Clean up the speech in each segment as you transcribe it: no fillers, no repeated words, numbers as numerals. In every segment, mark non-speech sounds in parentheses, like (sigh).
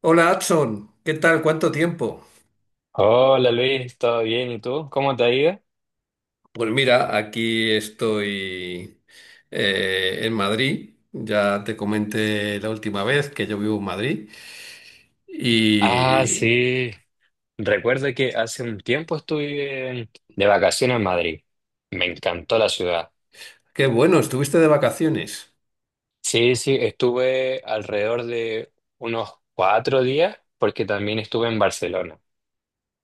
Hola, Adson. ¿Qué tal? ¿Cuánto tiempo? Hola Luis, ¿todo bien? ¿Y tú? ¿Cómo te ha ido? Pues mira, aquí estoy en Madrid. Ya te comenté la última vez que yo vivo en Madrid. Ah, Y sí. Recuerdo que hace un tiempo de vacaciones en Madrid. Me encantó la ciudad. qué bueno, estuviste de vacaciones. Sí, sí, estuve alrededor de unos 4 días porque también estuve en Barcelona.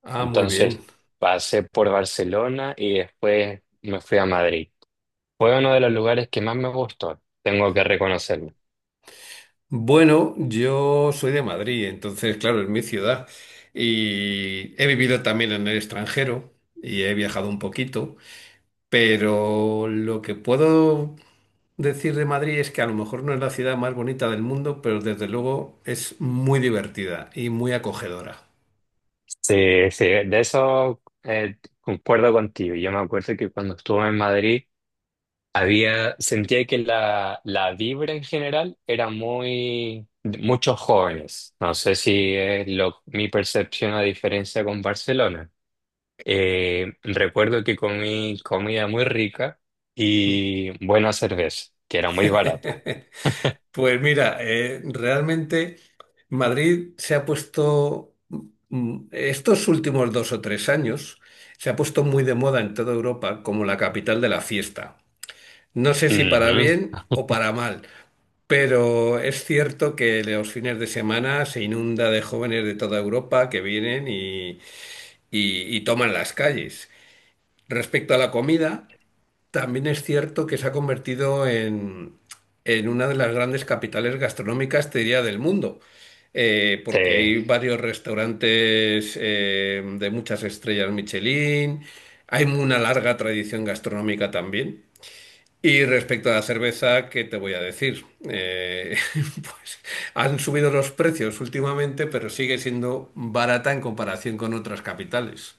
Ah, muy bien. Entonces pasé por Barcelona y después me fui a Madrid. Fue uno de los lugares que más me gustó, tengo que reconocerlo. Bueno, yo soy de Madrid, entonces, claro, es mi ciudad. Y he vivido también en el extranjero y he viajado un poquito. Pero lo que puedo decir de Madrid es que a lo mejor no es la ciudad más bonita del mundo, pero desde luego es muy divertida y muy acogedora. Sí, sí, de eso concuerdo contigo. Yo me acuerdo que cuando estuve en Madrid había, sentía que la vibra en general era muy, muchos jóvenes. No sé si es lo, mi percepción a diferencia con Barcelona. Recuerdo que comí comida muy rica y buena cerveza, que era muy barata. (laughs) Pues mira, realmente Madrid se ha puesto, estos últimos dos o tres años, se ha puesto muy de moda en toda Europa como la capital de la fiesta. No sé si para Ujú, bien o para mal, pero es cierto que los fines de semana se inunda de jóvenes de toda Europa que vienen y toman las calles. Respecto a la comida, también es cierto que se ha convertido en una de las grandes capitales gastronómicas, te diría, del mundo. Porque sí. hay varios restaurantes de muchas estrellas Michelin, hay una larga tradición gastronómica también. Y respecto a la cerveza, ¿qué te voy a decir? (laughs) Pues han subido los precios últimamente, pero sigue siendo barata en comparación con otras capitales.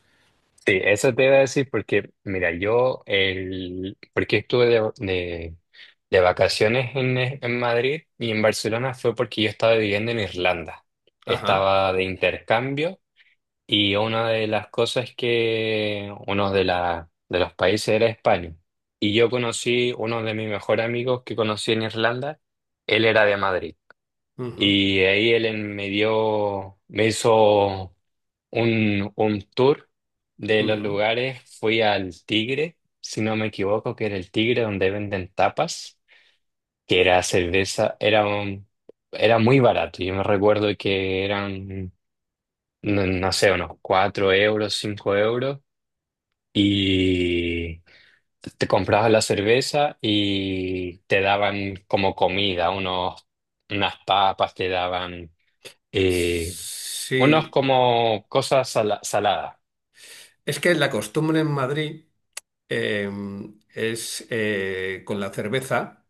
Sí, eso te iba a decir porque, mira, yo, el, porque de vacaciones en Madrid y en Barcelona fue porque yo estaba viviendo en Irlanda. Ajá. Estaba de intercambio y una de las cosas que, de los países era España. Y yo conocí uno de mis mejores amigos que conocí en Irlanda, él era de Madrid. Ujú, Me dio, me hizo un tour de los ujú. lugares. Fui al Tigre, si no me equivoco, que era el Tigre donde venden tapas, que era cerveza, era muy barato. Yo me recuerdo que eran, no, no sé, unos 4 euros, 5 euros, y te comprabas la cerveza y te daban como comida, unas papas, te daban eh, unos Sí. como saladas. Es que la costumbre en Madrid eh, es con la cerveza,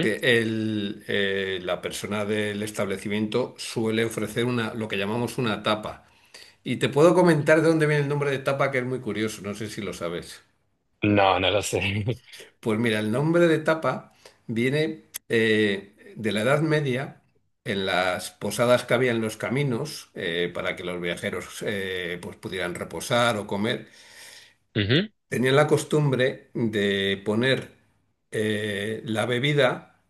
que la persona del establecimiento suele ofrecer una, lo que llamamos una tapa. Y te puedo comentar de dónde viene el nombre de tapa, que es muy curioso, no sé si lo sabes. No, no lo sé. (laughs) Pues mira, el nombre de tapa viene de la Edad Media, en las posadas que había en los caminos, para que los viajeros pues pudieran reposar o comer. Ujú. Tenían la costumbre de poner la bebida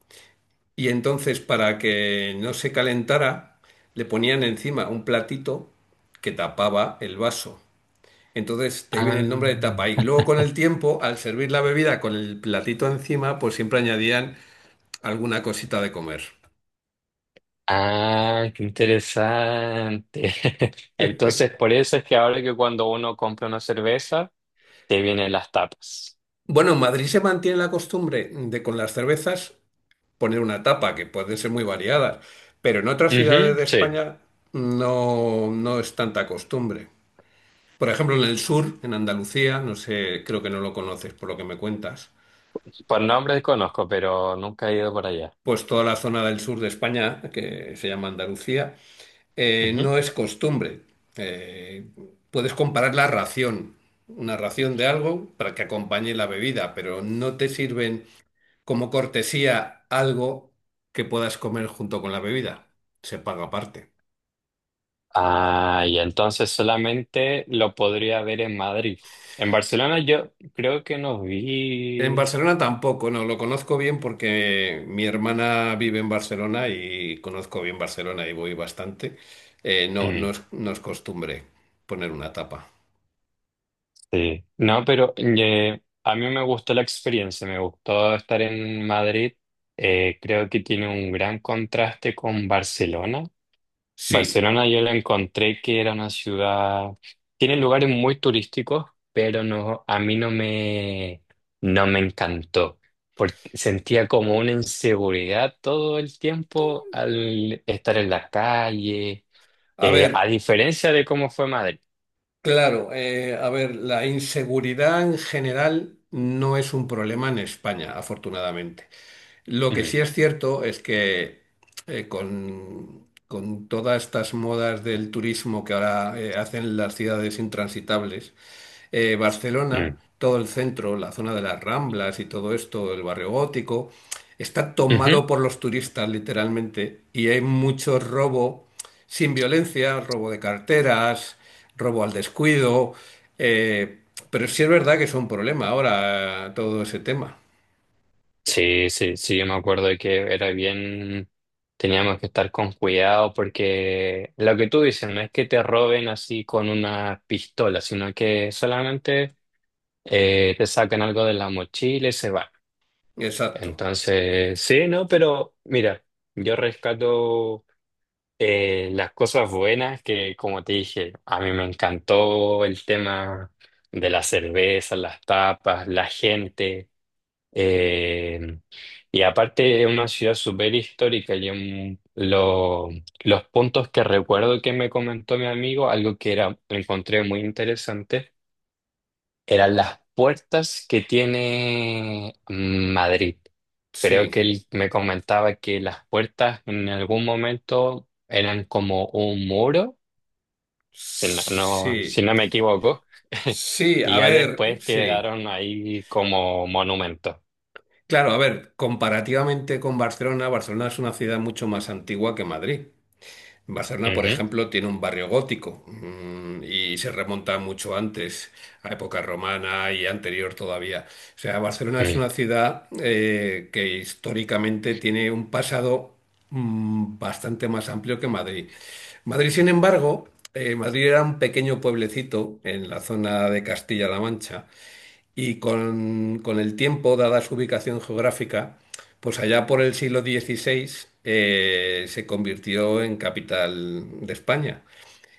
y entonces para que no se calentara, le ponían encima un platito que tapaba el vaso. Entonces te viene el nombre de Ah, tapa. Y luego con el tiempo, al servir la bebida con el platito encima, pues siempre añadían alguna cosita de comer. ah, qué interesante. (laughs) Entonces, por eso es que ahora que cuando uno compra una cerveza, te vienen las tapas. Bueno, en Madrid se mantiene la costumbre de con las cervezas poner una tapa, que pueden ser muy variadas, pero en otras ciudades Ujú, de sí, España no es tanta costumbre. Por ejemplo, en el sur, en Andalucía, no sé, creo que no lo conoces por lo que me cuentas, por nombre conozco, pero nunca he ido por allá. pues toda la zona del sur de España, que se llama Andalucía, Ujú. no es costumbre. Eh, Puedes comparar la ración, una ración de algo para que acompañe la bebida, pero no te sirven como cortesía algo que puedas comer junto con la bebida. Se paga aparte. Ah, y entonces solamente lo podría ver en Madrid. En Barcelona yo creo que no En vi. Barcelona tampoco, no, lo conozco bien porque mi hermana vive en Barcelona y conozco bien Barcelona y voy bastante. Mm. No es costumbre poner una tapa. Sí, no, pero a mí me gustó la experiencia, me gustó estar en Madrid. Creo que tiene un gran contraste con Barcelona. Sí, Barcelona yo la encontré que era una ciudad, tiene lugares muy turísticos, pero no, a mí no me, no me encantó, porque sentía como una inseguridad todo el tiempo al estar en la calle, a a ver, diferencia de cómo fue Madrid. claro, a ver, la inseguridad en general no es un problema en España, afortunadamente. Lo que Mm, sí es cierto es que con todas estas modas del turismo que ahora hacen las ciudades intransitables, Barcelona, mm, todo el centro, la zona de las Ramblas y todo esto, el barrio gótico, está ujú. tomado por los turistas literalmente y hay mucho robo sin violencia, robo de carteras, robo al descuido, eh, pero sí es verdad que es un problema ahora todo ese tema. Sí, sí, sí, yo me acuerdo de que era bien, teníamos que estar con cuidado porque lo que tú dices no es que te roben así con una pistola, sino que solamente te sacan algo de la mochila y se van. Exacto, Entonces, sí, no, pero mira, yo rescato las cosas buenas que, como te dije, a mí me encantó el tema de la cerveza, las tapas, la gente. Eh, y aparte es una ciudad súper histórica y los puntos que recuerdo que me comentó mi amigo, algo que era, encontré muy interesante, eran las puertas que tiene mm, Madrid. Creo que sí. él me comentaba que las puertas en algún momento eran como un muro, si si Sí, no me equivoco, sí, y a ya ver, después sí. quedaron ahí como monumentos. Claro, a ver, comparativamente con Barcelona, Barcelona es una ciudad mucho más antigua que Madrid. Barcelona, por Ujú. ejemplo, tiene un barrio gótico, y se remonta mucho antes, a época romana y anterior todavía. O sea, Barcelona es una ciudad que históricamente tiene un pasado, bastante más amplio que Madrid. Madrid, sin embargo, Madrid era un pequeño pueblecito en la zona de Castilla-La Mancha y con el tiempo, dada su ubicación geográfica, pues allá por el siglo XVI se convirtió en capital de España.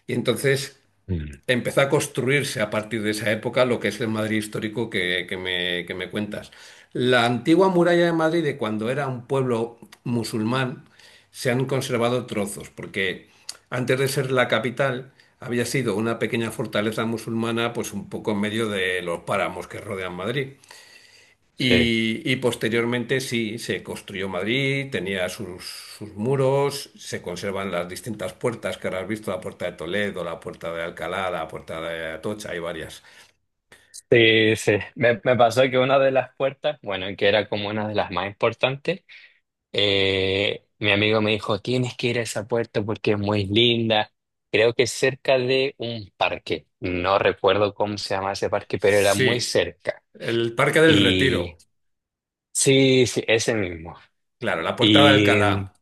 Y entonces Mm, mm, empezó a construirse a partir de esa época lo que es el Madrid histórico que me cuentas. La antigua muralla de Madrid, de cuando era un pueblo musulmán, se han conservado trozos, porque antes de ser la capital había sido una pequeña fortaleza musulmana, pues un poco en medio de los páramos que rodean Madrid. sí. Y posteriormente sí, se construyó Madrid, tenía sus, sus muros, se conservan las distintas puertas que ahora has visto, la puerta de Toledo, la puerta de Alcalá, la puerta de Atocha, hay varias. Sí, sí. Me pasó que una de las puertas, bueno, que era como una de las más importantes, mi amigo me dijo, tienes que ir a esa puerta porque es muy linda. Creo que es cerca de un parque. No recuerdo cómo se llama ese parque, pero era muy Sí, cerca. el Parque del Y Retiro, sí, sí, ese mismo. claro, la puerta de Y mm, Alcalá.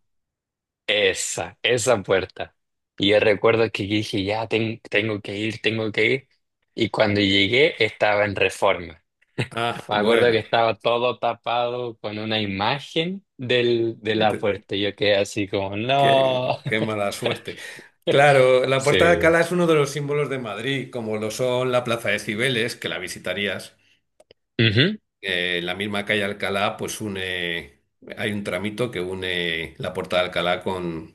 esa puerta. Y yo recuerdo que dije, ya tengo que ir, tengo que ir. Y cuando llegué estaba en Reforma. Ah, Me acuerdo que bueno, estaba todo tapado con una imagen del, de la de- puerta. Yo quedé así como, no. qué, qué (laughs) mala suerte. Claro, la puerta de Sí. Alcalá es uno de los símbolos de Madrid, como lo son la Plaza de Cibeles, que la visitarías. Ujú, La misma calle Alcalá, pues une, hay un tramito que une la Puerta de Alcalá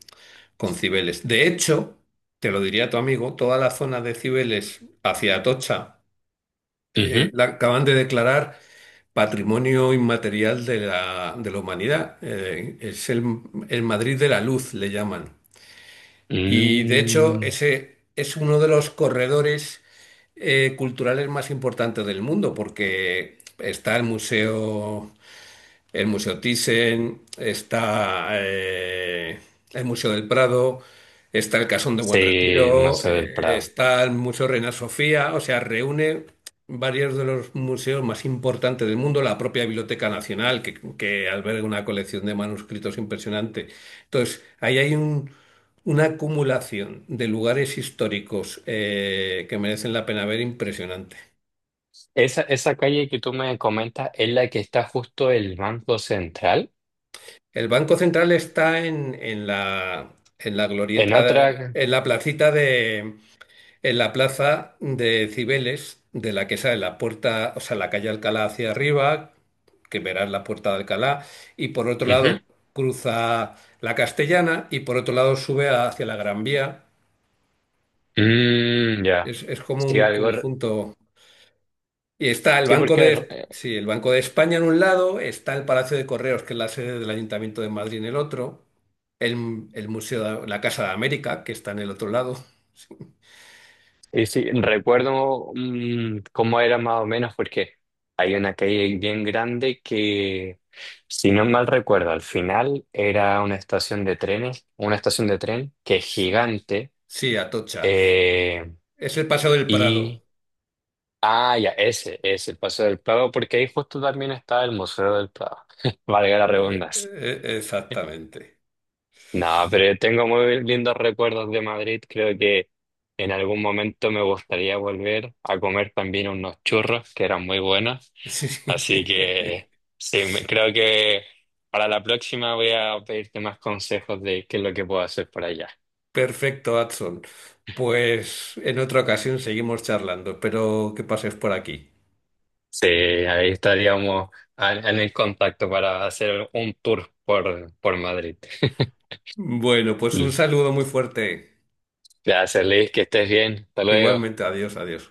con Cibeles. De hecho, te lo diría tu amigo, toda la zona de Cibeles hacia Atocha, ujú. la acaban de declarar Patrimonio Inmaterial de de la Humanidad. Es el Madrid de la Luz, le llaman. Y de hecho, Mm. ese es uno de los corredores culturales más importantes del mundo, porque está el Museo Thyssen, está el Museo del Prado, está el Casón de Buen Sí, Retiro, Museo del Prado. está el Museo Reina Sofía, o sea, reúne varios de los museos más importantes del mundo, la propia Biblioteca Nacional, que alberga una colección de manuscritos impresionante. Entonces, ahí hay un- una acumulación de lugares históricos que merecen la pena ver impresionante. Esa calle que tú me comentas es la que está justo el Banco Central. El Banco Central está en la En glorieta, otra. en la placita de, en la plaza de Cibeles, de la que sale la puerta, o sea, la calle Alcalá hacia arriba, que verás la puerta de Alcalá, y por otro Ujú. lado cruza la Castellana y por otro lado sube hacia la Gran Vía. Mm, ya. Es como Sí, un algo. re- conjunto. Y está el Sí, Banco porque de, sí, el Banco de España en un lado, está el Palacio de Correos, que es la sede del Ayuntamiento de Madrid en el otro, el Museo de la Casa de América, que está en el otro lado. y sí, recuerdo mm, cómo era más o menos porque hay una calle bien grande que, si no mal recuerdo, al final era una estación de trenes, una estación de tren que es Sí, gigante sí, Atocha. eh, Es el Paseo del Prado. y... Ah, ya, ese, el Paseo del Prado, porque ahí justo también está el Museo del Prado, (laughs) valga la redundancia. Exactamente. No, pero tengo muy lindos recuerdos de Madrid. Creo que en algún momento me gustaría volver a comer también unos churros que eran muy buenos. Sí. Así que (laughs) sí, creo que para la próxima voy a pedirte más consejos de qué es lo que puedo hacer por allá. Perfecto, Adson. Pues en otra ocasión seguimos charlando, espero que pases por aquí. Sí, ahí estaríamos en el contacto para hacer un tour por Madrid. (laughs) Bueno, pues un saludo muy fuerte. Gracias, Luis, que estés bien. Hasta luego. Igualmente, adiós, adiós.